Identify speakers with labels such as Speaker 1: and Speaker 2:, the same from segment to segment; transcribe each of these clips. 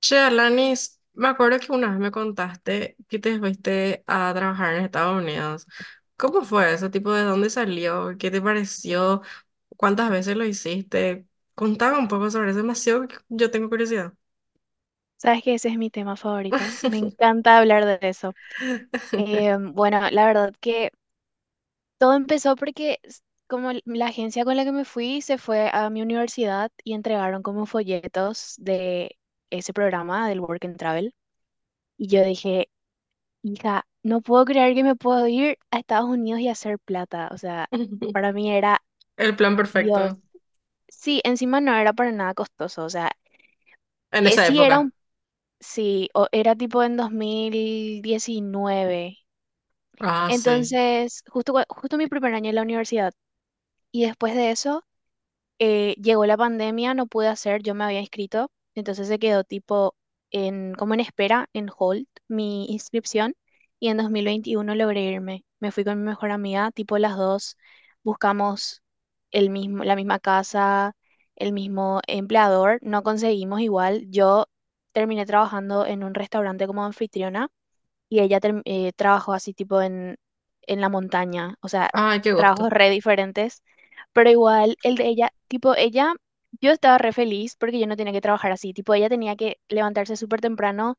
Speaker 1: Che, Alanis, me acuerdo que una vez me contaste que te fuiste a trabajar en Estados Unidos. ¿Cómo fue eso? Tipo, ¿de dónde salió? ¿Qué te pareció? ¿Cuántas veces lo hiciste? Contaba un poco sobre eso, demasiado que yo tengo curiosidad.
Speaker 2: Sabes que ese es mi tema favorito. Me encanta hablar de eso. Bueno, la verdad que todo empezó porque como la agencia con la que me fui se fue a mi universidad y entregaron como folletos de ese programa del Work and Travel. Y yo dije, hija, no puedo creer que me puedo ir a Estados Unidos y hacer plata. O sea, para mí era
Speaker 1: El plan
Speaker 2: Dios.
Speaker 1: perfecto
Speaker 2: Sí, encima no era para nada costoso. O sea,
Speaker 1: en esa
Speaker 2: sí era
Speaker 1: época.
Speaker 2: Sí, era tipo en 2019.
Speaker 1: Ah, sí.
Speaker 2: Entonces, justo, justo mi primer año en la universidad. Y después de eso, llegó la pandemia, no pude hacer, yo me había inscrito. Entonces se quedó tipo en, como en espera, en hold, mi inscripción. Y en 2021 logré irme. Me fui con mi mejor amiga, tipo las dos. Buscamos el mismo, la misma casa, el mismo empleador. No conseguimos igual. Yo terminé trabajando en un restaurante como anfitriona y trabajó así tipo en la montaña, o sea,
Speaker 1: Ay, qué gusto.
Speaker 2: trabajos re diferentes, pero igual el de ella, tipo ella, yo estaba re feliz porque yo no tenía que trabajar así, tipo ella tenía que levantarse súper temprano,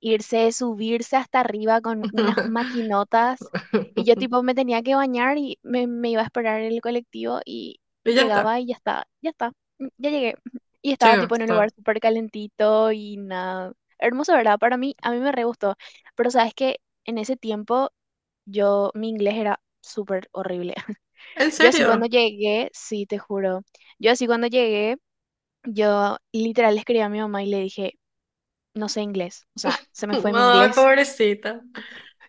Speaker 2: irse, subirse hasta arriba con unas maquinotas. Y yo tipo me tenía que bañar y me iba a esperar en el colectivo y
Speaker 1: Y ya está.
Speaker 2: llegaba y ya está, ya está, ya llegué. Y
Speaker 1: Qué
Speaker 2: estaba tipo en un lugar
Speaker 1: gusto.
Speaker 2: súper calentito y nada. Hermoso, ¿verdad? Para mí, a mí me re gustó. Pero sabes que en ese tiempo yo, mi inglés era súper horrible.
Speaker 1: ¿En
Speaker 2: Yo así cuando
Speaker 1: serio?
Speaker 2: llegué, sí, te juro. Yo así cuando llegué, yo literal le escribí a mi mamá y le dije, no sé inglés. O sea, se me fue mi
Speaker 1: Ay,
Speaker 2: inglés.
Speaker 1: pobrecita.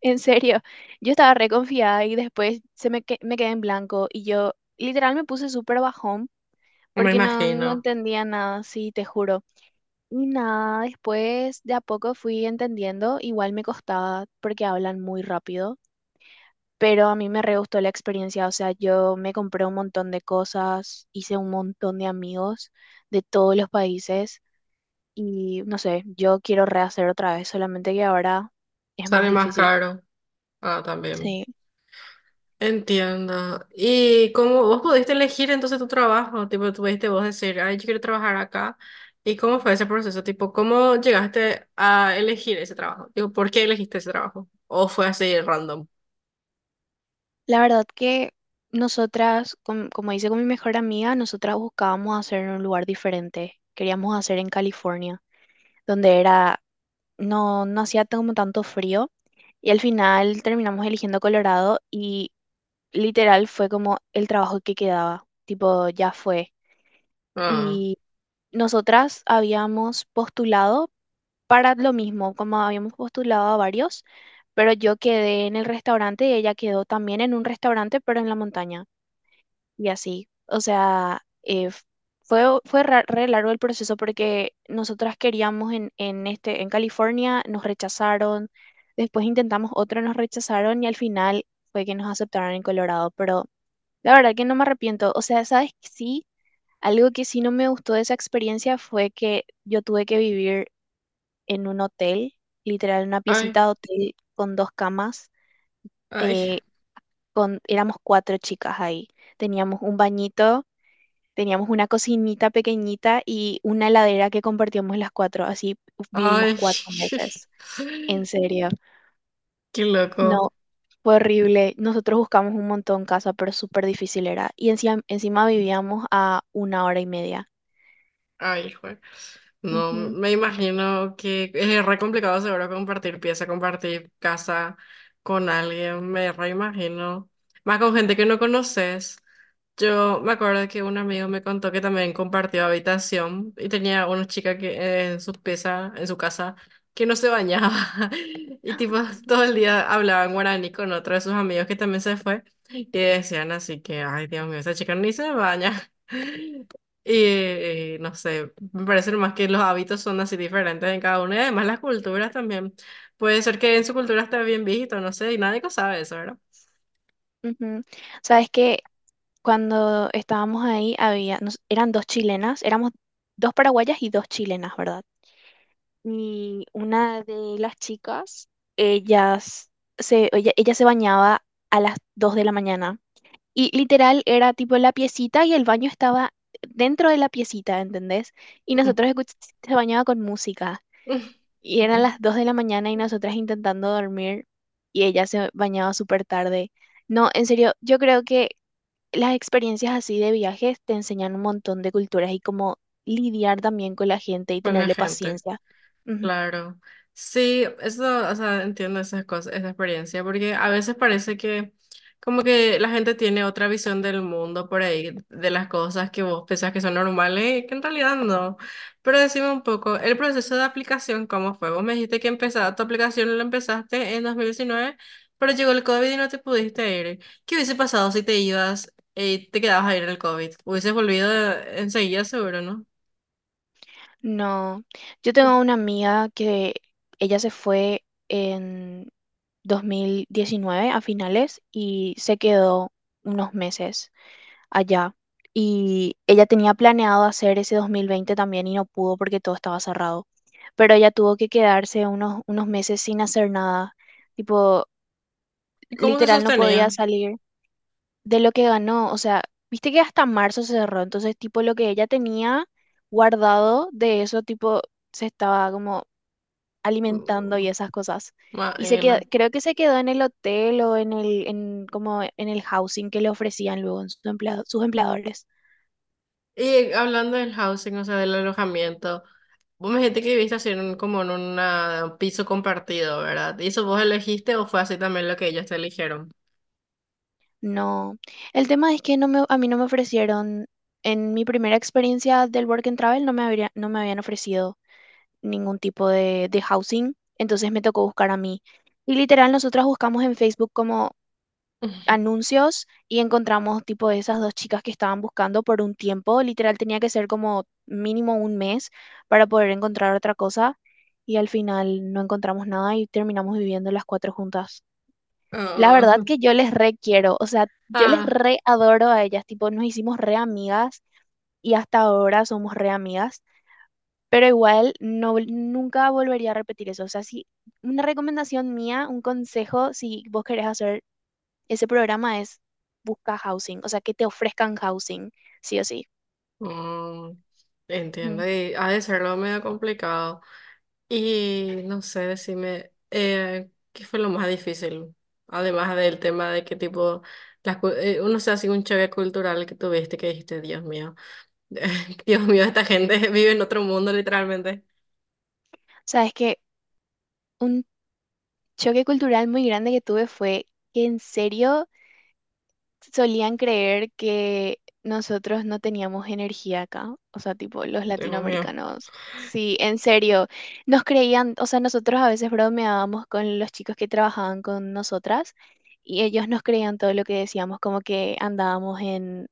Speaker 2: En serio, yo estaba reconfiada y después se me, me quedé en blanco y yo literal me puse súper bajón
Speaker 1: Me
Speaker 2: porque no, no
Speaker 1: imagino.
Speaker 2: entendía nada, sí, te juro. Y nada, después de a poco fui entendiendo, igual me costaba porque hablan muy rápido, pero a mí me re gustó la experiencia, o sea, yo me compré un montón de cosas, hice un montón de amigos de todos los países y no sé, yo quiero rehacer otra vez, solamente que ahora es más
Speaker 1: Sale más
Speaker 2: difícil.
Speaker 1: caro. Ah, también.
Speaker 2: Sí.
Speaker 1: Entiendo. ¿Y cómo vos pudiste elegir entonces tu trabajo? Tipo, tuviste vos decir, ay, yo quiero trabajar acá. ¿Y cómo fue ese proceso? Tipo, ¿cómo llegaste a elegir ese trabajo? Digo, ¿por qué elegiste ese trabajo? ¿O fue así random?
Speaker 2: La verdad que nosotras, como hice con mi mejor amiga, nosotras buscábamos hacer en un lugar diferente. Queríamos hacer en California, donde era, no, no hacía como tanto frío. Y al final terminamos eligiendo Colorado y literal fue como el trabajo que quedaba. Tipo, ya fue.
Speaker 1: Ah,
Speaker 2: Y nosotras habíamos postulado para lo mismo, como habíamos postulado a varios, pero yo quedé en el restaurante y ella quedó también en un restaurante, pero en la montaña, y así. O sea, fue re largo el proceso porque nosotras queríamos en, este, en California, nos rechazaron, después intentamos otro, nos rechazaron y al final fue que nos aceptaron en Colorado. Pero la verdad que no me arrepiento. O sea, ¿sabes qué? Sí, algo que sí no me gustó de esa experiencia fue que yo tuve que vivir en un hotel, literal, una
Speaker 1: ay,
Speaker 2: piecita de hotel con dos camas.
Speaker 1: ay,
Speaker 2: eh, con, éramos cuatro chicas ahí. Teníamos un bañito. Teníamos una cocinita pequeñita y una heladera que compartíamos las cuatro, así vivimos
Speaker 1: ay.
Speaker 2: cuatro meses. En serio,
Speaker 1: Qué loco.
Speaker 2: no, fue horrible. Nosotros buscamos un montón casa, pero súper difícil era. Y encima, encima vivíamos a una hora y media.
Speaker 1: Ay, jue- No,
Speaker 2: Ujú,
Speaker 1: me imagino que es re complicado seguro compartir pieza, compartir casa con alguien, me re imagino. Más con gente que no conoces. Yo me acuerdo que un amigo me contó que también compartió habitación y tenía una chica que en su pieza, en su casa, que no se bañaba y tipo todo el día hablaba en guaraní con otro de sus amigos que también se fue y decían así que, ay, Dios mío, esa chica ni se baña. Y no sé, me parece más que los hábitos son así diferentes en cada uno y además las culturas también. Puede ser que en su cultura esté bien visto, no sé, y nadie que sabe eso, ¿verdad?
Speaker 2: ujú. Sabes que cuando estábamos ahí había, eran dos chilenas, éramos dos paraguayas y dos chilenas, ¿verdad? Y una de las chicas, ellas ella se bañaba a las 2 de la mañana. Y literal era tipo la piecita y el baño estaba dentro de la piecita, ¿entendés? Y se bañaba con música. Y eran las 2 de la mañana y nosotras intentando dormir y ella se bañaba súper tarde. No, en serio, yo creo que las experiencias así de viajes te enseñan un montón de culturas y cómo lidiar también con la gente y
Speaker 1: Con la
Speaker 2: tenerle
Speaker 1: gente.
Speaker 2: paciencia. Ujú.
Speaker 1: Claro. Sí, eso, o sea, entiendo esas cosas, esa experiencia, porque a veces parece que como que la gente tiene otra visión del mundo por ahí, de las cosas que vos pensás que son normales, que en realidad no. Pero decime un poco, el proceso de aplicación, ¿cómo fue? Vos me dijiste que empezaba tu aplicación la empezaste en 2019, pero llegó el COVID y no te pudiste ir. ¿Qué hubiese pasado si te ibas y te quedabas ahí en el COVID? Hubieses volvido enseguida, seguro, ¿no?
Speaker 2: No, yo tengo una amiga que ella se fue 2019 a finales y se quedó unos meses allá. Y ella tenía planeado hacer ese 2020 también y no pudo porque todo estaba cerrado. Pero ella tuvo que quedarse unos meses sin hacer nada. Tipo,
Speaker 1: ¿Y cómo se
Speaker 2: literal no podía
Speaker 1: sostenía?
Speaker 2: salir de lo que ganó. O sea, viste que hasta marzo se cerró. Entonces, tipo, lo que ella tenía guardado de eso, tipo, se estaba como alimentando y esas cosas. Y
Speaker 1: Maena.
Speaker 2: creo que se quedó en el hotel o en el, en, como en el housing que le ofrecían luego en su sus empleadores.
Speaker 1: Y hablando del housing, o sea, del alojamiento, vos me dijiste que viviste así en como en un piso compartido, ¿verdad? ¿Y eso vos elegiste o fue así también lo que ellos te eligieron?
Speaker 2: No, el tema es que no me, a mí no me ofrecieron, en mi primera experiencia del Work and Travel no me no me habían ofrecido ningún tipo de housing, entonces me tocó buscar a mí. Y literal, nosotras buscamos en Facebook como anuncios y encontramos tipo de esas dos chicas que estaban buscando por un tiempo, literal tenía que ser como mínimo un mes para poder encontrar otra cosa y al final no encontramos nada y terminamos viviendo las cuatro juntas. La
Speaker 1: Ah,
Speaker 2: verdad que yo les re quiero, o sea, yo les
Speaker 1: ah,
Speaker 2: re adoro a ellas, tipo nos hicimos re amigas y hasta ahora somos re amigas. Pero igual no, nunca volvería a repetir eso. O sea, si una recomendación mía, un consejo, si vos querés hacer ese programa es busca housing, o sea, que te ofrezcan housing, sí o sí.
Speaker 1: mm,
Speaker 2: Ujú.
Speaker 1: entiendo,
Speaker 2: O
Speaker 1: y ha de ser lo medio complicado. Y no sé, decime, ¿qué fue lo más difícil? Además del tema de que tipo, uno se hace un choque cultural que tuviste que dijiste, Dios mío. Dios mío, esta gente vive en otro mundo, literalmente.
Speaker 2: sea, es que un choque cultural muy grande que tuve fue que en serio solían creer que nosotros no teníamos energía acá, o sea, tipo los
Speaker 1: Dios mío.
Speaker 2: latinoamericanos. Sí, en serio, nos creían, o sea, nosotros a veces bromeábamos con los chicos que trabajaban con nosotras y ellos nos creían todo lo que decíamos, como que andábamos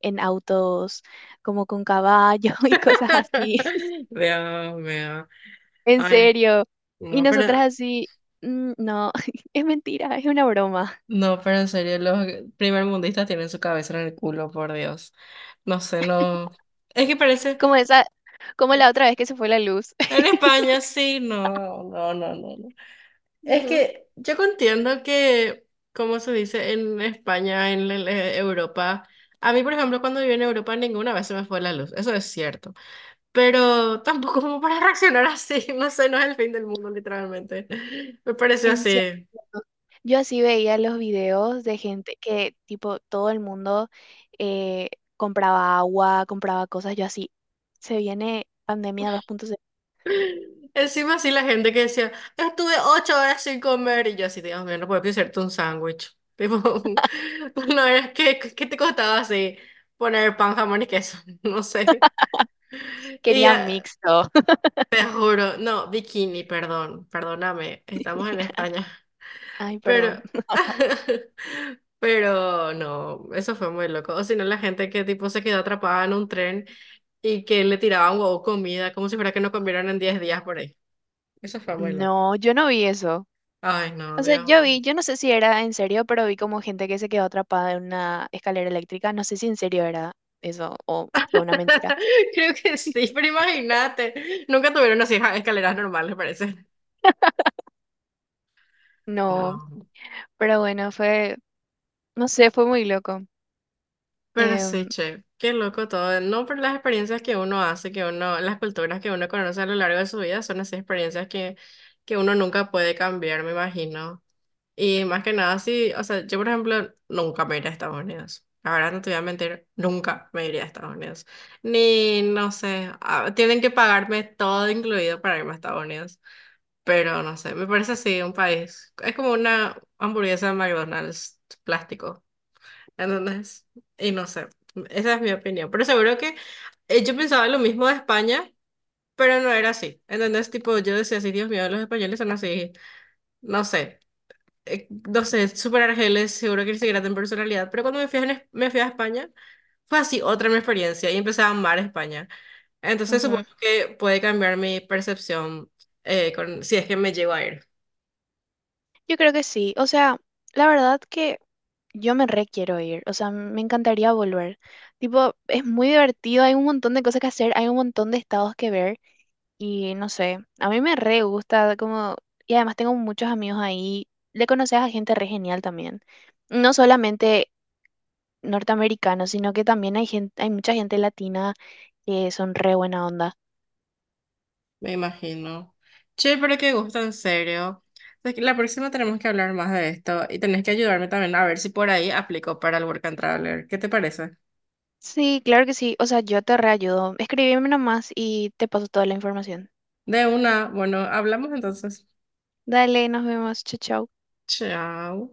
Speaker 2: en autos como con caballo y cosas así,
Speaker 1: Dios mío.
Speaker 2: en
Speaker 1: Ay,
Speaker 2: serio. Y
Speaker 1: no,
Speaker 2: nosotras
Speaker 1: pero,
Speaker 2: así, "Mm, no, es mentira, es una broma.
Speaker 1: no, pero en serio, los primermundistas tienen su cabeza en el culo, por Dios. No sé, no. Es que parece,
Speaker 2: Como esa, como la otra vez que se fue la luz.
Speaker 1: en España sí, no, no, no, no, no. Es
Speaker 2: No,
Speaker 1: que yo entiendo que, como se dice en España, en Europa, a mí, por ejemplo, cuando viví en Europa, ninguna vez se me fue la luz. Eso es cierto. Pero tampoco como para reaccionar así, no sé, no es el fin del mundo, literalmente. Me pareció
Speaker 2: en serio.
Speaker 1: así.
Speaker 2: Yo así veía los videos de gente que, tipo, todo el mundo eh, compraba agua, compraba cosas. Yo así, se viene pandemia 2.0.
Speaker 1: Encima así la gente que decía, estuve 8 horas sin comer, y yo así, Dios mío, no puedo hacerte un sándwich. Tipo, no es que, ¿qué te costaba así poner pan, jamón y queso? No sé. Y
Speaker 2: Quería mixto.
Speaker 1: te juro, no, bikini, perdón, perdóname, estamos en España.
Speaker 2: Ay,
Speaker 1: Pero,
Speaker 2: perdón.
Speaker 1: pero no, eso fue muy loco. O si no, la gente que tipo se quedó atrapada en un tren y que le tiraban huevo comida, como si fuera que no comieron en 10 días por ahí. Eso fue muy loco.
Speaker 2: No, yo no vi eso.
Speaker 1: Ay, no,
Speaker 2: O sea,
Speaker 1: Dios
Speaker 2: yo vi,
Speaker 1: mío.
Speaker 2: yo no sé si era en serio, pero vi como gente que se quedó atrapada en una escalera eléctrica. No sé si en serio era eso o fue una mentira.
Speaker 1: Creo que sí, pero imagínate. Nunca tuvieron así ja, escaleras normales, parece.
Speaker 2: No,
Speaker 1: No.
Speaker 2: pero bueno, fue, no sé, fue muy loco.
Speaker 1: Pero sí,
Speaker 2: Em,
Speaker 1: che, qué loco todo. No, pero las experiencias que uno hace, que uno, las culturas que uno conoce a lo largo de su vida son así experiencias que uno nunca puede cambiar, me imagino. Y más que nada, sí, o sea, yo por ejemplo nunca me iría a Estados Unidos. La verdad, no te voy a mentir, nunca me iría a Estados Unidos. Ni, no sé, ah, tienen que pagarme todo incluido para irme a Estados Unidos. Pero no sé, me parece así un país. Es como una hamburguesa de McDonald's plástico. Entonces, y no sé, esa es mi opinión. Pero seguro que yo pensaba lo mismo de España, pero no era así. Entonces, tipo, yo decía así, Dios mío, los españoles son así. No sé no sé, súper argeles, seguro que se grata en personalidad, pero cuando me fui a España, fue así otra mi experiencia y empecé a amar España. Entonces supongo
Speaker 2: ujú.
Speaker 1: que puede cambiar mi percepción con, si es que me llego a ir,
Speaker 2: Yo creo que sí. O sea, la verdad que yo me re quiero ir. O sea, me encantaría volver. Tipo, es muy divertido, hay un montón de cosas que hacer, hay un montón de estados que ver. Y no sé, a mí me re gusta como, y además tengo muchos amigos ahí, le conoces a gente re genial también. No solamente norteamericanos, sino que también hay gente, hay mucha gente latina que son re buena onda.
Speaker 1: me imagino. Che, pero qué gusto, en serio. Es que la próxima tenemos que hablar más de esto y tenés que ayudarme también a ver si por ahí aplico para el Work and Traveler. ¿Qué te parece?
Speaker 2: Sí, claro que sí, o sea, yo te reayudo. Escríbeme nomás y te paso toda la información.
Speaker 1: De una, bueno, hablamos entonces.
Speaker 2: Dale, nos vemos, chau, chau.
Speaker 1: Chao.